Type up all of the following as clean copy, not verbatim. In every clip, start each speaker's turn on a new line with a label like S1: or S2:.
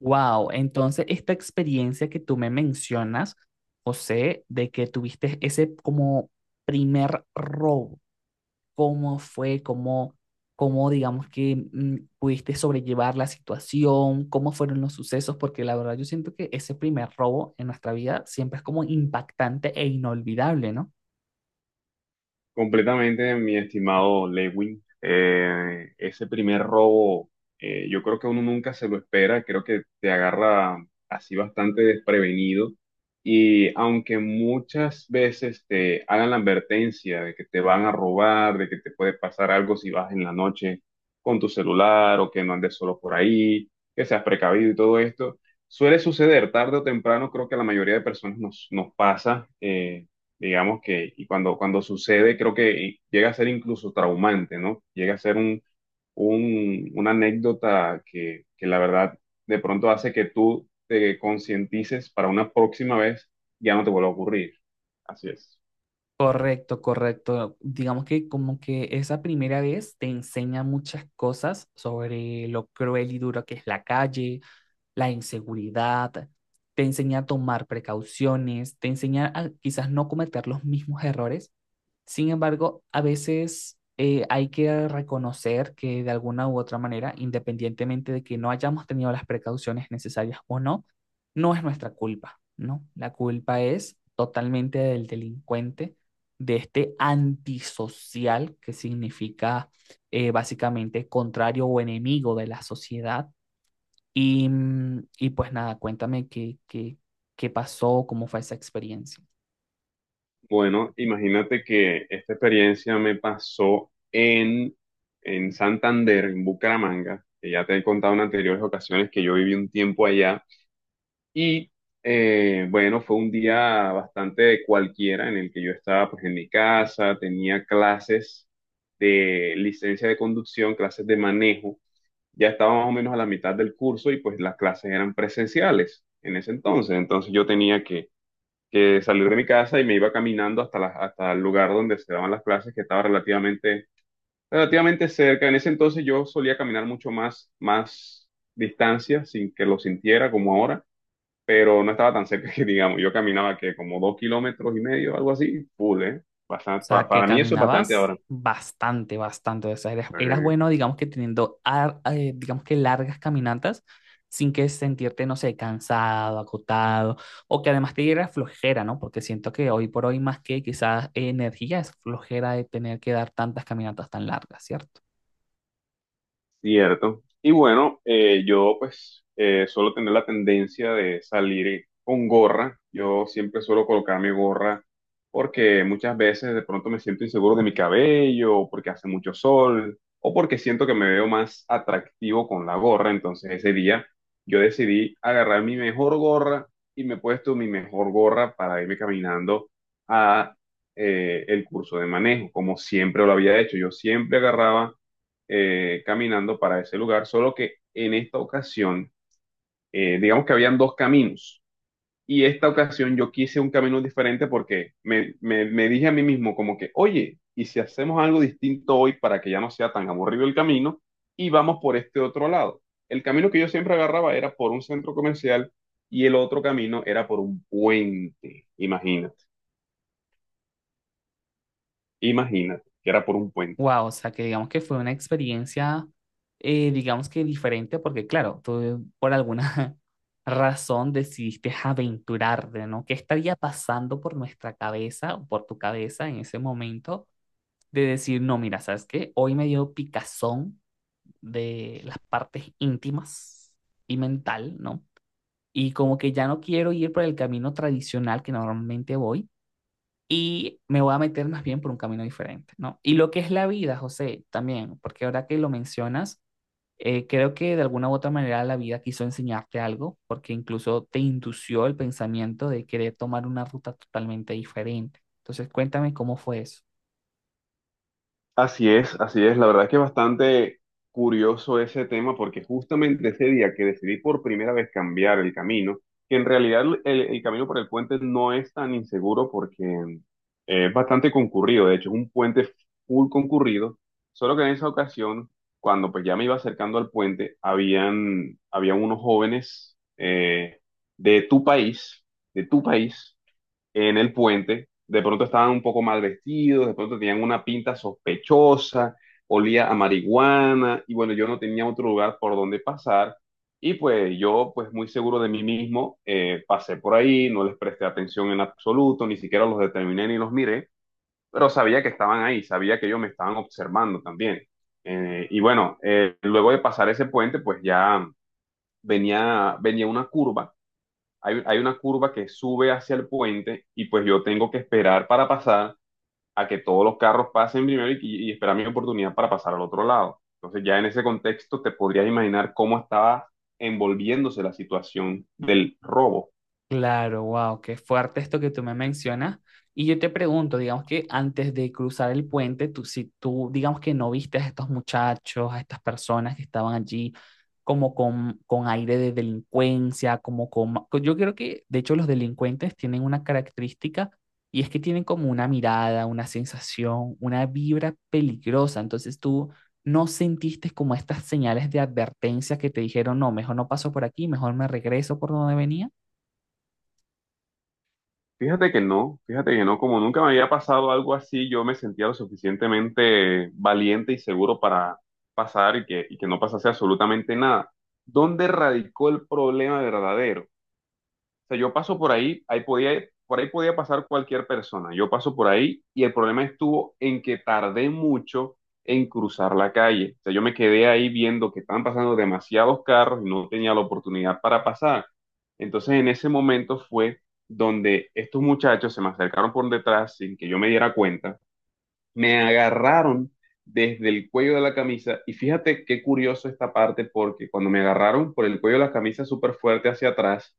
S1: Wow, entonces esta experiencia que tú me mencionas, José, de que tuviste ese como primer robo, ¿cómo fue? ¿Cómo digamos que pudiste sobrellevar la situación? ¿Cómo fueron los sucesos? Porque la verdad yo siento que ese primer robo en nuestra vida siempre es como impactante e inolvidable, ¿no?
S2: Completamente, mi estimado Lewin. Ese primer robo, yo creo que uno nunca se lo espera, creo que te agarra así bastante desprevenido. Y aunque muchas veces te hagan la advertencia de que te van a robar, de que te puede pasar algo si vas en la noche con tu celular o que no andes solo por ahí, que seas precavido y todo esto, suele suceder tarde o temprano, creo que a la mayoría de personas nos pasa. Digamos que, y cuando sucede, creo que llega a ser incluso traumante, ¿no? Llega a ser una anécdota que la verdad de pronto hace que tú te concientices para una próxima vez, ya no te vuelva a ocurrir. Así es.
S1: Correcto, correcto. Digamos que como que esa primera vez te enseña muchas cosas sobre lo cruel y duro que es la calle, la inseguridad, te enseña a tomar precauciones, te enseña a quizás no cometer los mismos errores. Sin embargo, a veces hay que reconocer que de alguna u otra manera, independientemente de que no hayamos tenido las precauciones necesarias o no, no es nuestra culpa, ¿no? La culpa es totalmente del delincuente, de este antisocial que significa básicamente contrario o enemigo de la sociedad y, y pues nada, cuéntame qué pasó, cómo fue esa experiencia.
S2: Bueno, imagínate que esta experiencia me pasó en, Santander, en Bucaramanga, que ya te he contado en anteriores ocasiones que yo viví un tiempo allá. Y bueno, fue un día bastante cualquiera en el que yo estaba pues en mi casa, tenía clases de licencia de conducción, clases de manejo, ya estaba más o menos a la mitad del curso y pues las clases eran presenciales en ese entonces, entonces yo tenía que salir de mi casa y me iba caminando hasta el lugar donde se daban las clases, que estaba relativamente cerca. En ese entonces yo solía caminar mucho más distancia sin que lo sintiera como ahora, pero no estaba tan cerca que digamos, yo caminaba que como 2,5 km, algo así, full, ¿eh?
S1: O
S2: Bastan-
S1: sea,
S2: pa-
S1: que
S2: para mí eso es bastante
S1: caminabas
S2: ahora. O
S1: bastante, bastante. O sea, eras,
S2: sea,
S1: eras
S2: que
S1: bueno, digamos que teniendo, digamos que largas caminatas sin que sentirte, no sé, cansado, agotado, o que además te diera flojera, ¿no? Porque siento que hoy por hoy más que quizás energía es flojera de tener que dar tantas caminatas tan largas, ¿cierto?
S2: Cierto. Y bueno, yo pues suelo tener la tendencia de salir con gorra. Yo siempre suelo colocar mi gorra porque muchas veces de pronto me siento inseguro de mi cabello, o porque hace mucho sol o porque siento que me veo más atractivo con la gorra. Entonces ese día yo decidí agarrar mi mejor gorra y me he puesto mi mejor gorra para irme caminando a el curso de manejo, como siempre lo había hecho. Yo siempre agarraba caminando para ese lugar, solo que en esta ocasión, digamos que habían dos caminos. Y esta ocasión yo quise un camino diferente porque me dije a mí mismo como que, oye, ¿y si hacemos algo distinto hoy para que ya no sea tan aburrido el camino y vamos por este otro lado? El camino que yo siempre agarraba era por un centro comercial y el otro camino era por un puente. Imagínate que era por un puente.
S1: Wow, o sea, que digamos que fue una experiencia digamos que diferente, porque claro, tú por alguna, razón decidiste aventurarte, ¿no? ¿Qué estaría pasando por nuestra cabeza o por tu cabeza en ese momento de decir, no, mira, ¿sabes qué? Hoy me dio picazón de las partes íntimas y mental, ¿no? Y como que ya no quiero ir por el camino tradicional que normalmente voy y me voy a meter más bien por un camino diferente, ¿no? Y lo que es la vida, José, también, porque ahora que lo mencionas, creo que de alguna u otra manera la vida quiso enseñarte algo, porque incluso te indució el pensamiento de querer tomar una ruta totalmente diferente. Entonces, cuéntame cómo fue eso.
S2: Así es, así es. La verdad que es bastante curioso ese tema, porque justamente ese día que decidí por primera vez cambiar el camino, que en realidad el camino por el puente no es tan inseguro porque es bastante concurrido, de hecho es un puente full concurrido, solo que en esa ocasión, cuando pues ya me iba acercando al puente, habían unos jóvenes, de tu país, de tu país en el puente, de pronto estaban un poco mal vestidos, de pronto tenían una pinta sospechosa, olía a marihuana, y bueno, yo no tenía otro lugar por donde pasar, y pues yo, pues muy seguro de mí mismo, pasé por ahí, no les presté atención en absoluto, ni siquiera los determiné ni los miré, pero sabía que estaban ahí, sabía que ellos me estaban observando también. Y bueno, luego de pasar ese puente, pues ya venía una curva. Hay una curva que sube hacia el puente y pues yo tengo que esperar para pasar a que todos los carros pasen primero y, esperar mi oportunidad para pasar al otro lado. Entonces ya en ese contexto te podrías imaginar cómo estaba envolviéndose la situación del robo.
S1: Claro, wow, qué fuerte esto que tú me mencionas. Y yo te pregunto, digamos que antes de cruzar el puente, tú, si tú, digamos que no viste a estos muchachos, a estas personas que estaban allí, como con aire de delincuencia, como con... Yo creo que, de hecho, los delincuentes tienen una característica y es que tienen como una mirada, una sensación, una vibra peligrosa. Entonces tú no sentiste como estas señales de advertencia que te dijeron, no, mejor no paso por aquí, mejor me regreso por donde venía.
S2: Fíjate que no, como nunca me había pasado algo así, yo me sentía lo suficientemente valiente y seguro para pasar y que no pasase absolutamente nada. ¿Dónde radicó el problema verdadero? O sea, yo paso por ahí, ahí podía, por ahí podía pasar cualquier persona. Yo paso por ahí y el problema estuvo en que tardé mucho en cruzar la calle. O sea, yo me quedé ahí viendo que estaban pasando demasiados carros y no tenía la oportunidad para pasar. Entonces, en ese momento fue donde estos muchachos se me acercaron por detrás sin que yo me diera cuenta. Me agarraron desde el cuello de la camisa, y fíjate qué curioso esta parte, porque cuando me agarraron por el cuello de la camisa súper fuerte hacia atrás,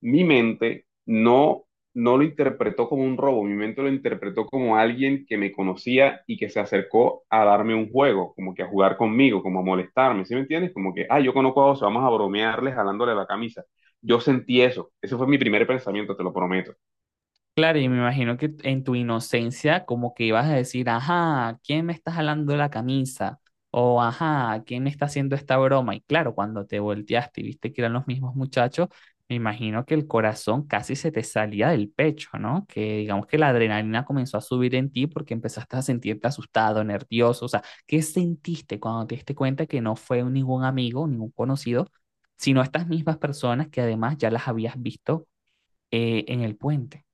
S2: mi mente no, lo interpretó como un robo, mi mente lo interpretó como alguien que me conocía y que se acercó a darme un juego, como que a jugar conmigo, como a molestarme, ¿sí me entiendes? Como que, ah, yo conozco a Oso, vamos a bromearle jalándole la camisa. Yo sentí eso, ese fue mi primer pensamiento, te lo prometo.
S1: Claro, y me imagino que en tu inocencia como que ibas a decir, ajá, ¿quién me está jalando la camisa? O ajá, ¿quién me está haciendo esta broma? Y claro, cuando te volteaste y viste que eran los mismos muchachos, me imagino que el corazón casi se te salía del pecho, ¿no? Que digamos que la adrenalina comenzó a subir en ti porque empezaste a sentirte asustado, nervioso. O sea, ¿qué sentiste cuando te diste cuenta que no fue ningún amigo, ningún conocido, sino estas mismas personas que además ya las habías visto, en el puente?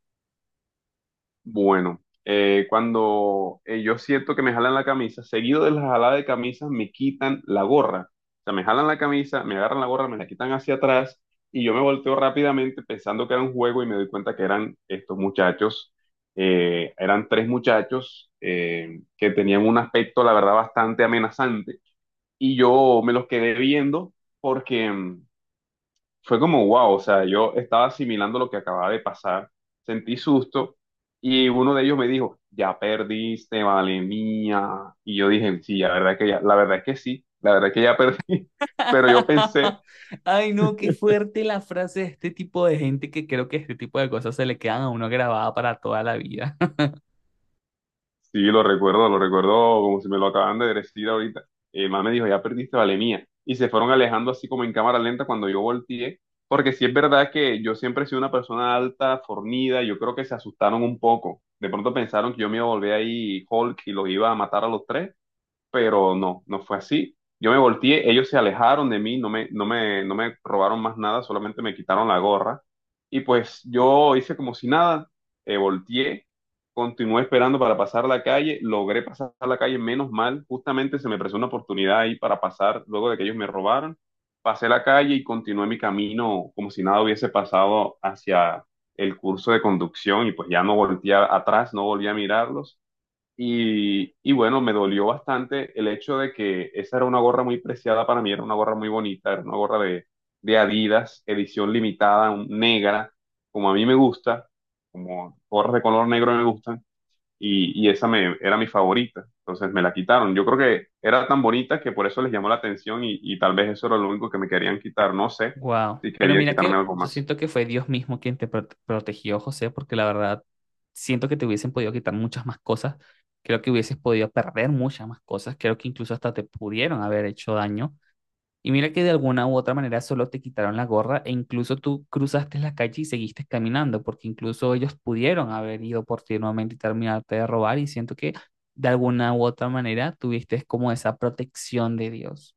S2: Bueno, cuando yo siento que me jalan la camisa, seguido de la jalada de camisas me quitan la gorra. O sea, me jalan la camisa, me agarran la gorra, me la quitan hacia atrás y yo me volteo rápidamente pensando que era un juego y me doy cuenta que eran estos muchachos. Eran tres muchachos que tenían un aspecto, la verdad, bastante amenazante, y yo me los quedé viendo porque... mm, fue como wow. O sea, yo estaba asimilando lo que acababa de pasar, sentí susto, y uno de ellos me dijo, ya perdiste, vale mía. Y yo dije, sí, la verdad que ya, la verdad que sí, la verdad que ya perdí, pero yo pensé.
S1: Ay, no, qué fuerte la frase de este tipo de gente que creo que este tipo de cosas se le quedan a uno grabada para toda la vida.
S2: Sí, lo recuerdo como si me lo acaban de decir ahorita. Mamá me dijo, ya perdiste la mía. Y se fueron alejando así como en cámara lenta cuando yo volteé, porque sí es verdad que yo siempre he sido una persona alta, fornida, yo creo que se asustaron un poco. De pronto pensaron que yo me iba a volver ahí Hulk y los iba a matar a los tres, pero no, no fue así. Yo me volteé, ellos se alejaron de mí, no me robaron más nada, solamente me quitaron la gorra. Y pues yo hice como si nada, volteé, continué esperando para pasar la calle, logré pasar la calle, menos mal, justamente se me presentó una oportunidad ahí para pasar luego de que ellos me robaron. Pasé la calle y continué mi camino como si nada hubiese pasado hacia el curso de conducción y pues ya no volteé atrás, no volví a mirarlos. Y bueno, me dolió bastante el hecho de que esa era una gorra muy preciada para mí, era una gorra muy bonita, era una gorra de, Adidas, edición limitada, negra, como a mí me gusta, como gorras de color negro me gustan, y, y era mi favorita, entonces me la quitaron. Yo creo que era tan bonita que por eso les llamó la atención, y, tal vez eso era lo único que me querían quitar, no sé
S1: Wow.
S2: si
S1: Pero
S2: querían
S1: mira
S2: quitarme
S1: que
S2: algo
S1: yo
S2: más.
S1: siento que fue Dios mismo quien te protegió, José, porque la verdad siento que te hubiesen podido quitar muchas más cosas. Creo que hubieses podido perder muchas más cosas. Creo que incluso hasta te pudieron haber hecho daño. Y mira que de alguna u otra manera solo te quitaron la gorra e incluso tú cruzaste la calle y seguiste caminando, porque incluso ellos pudieron haber ido por ti nuevamente y terminarte de robar y siento que de alguna u otra manera tuviste como esa protección de Dios.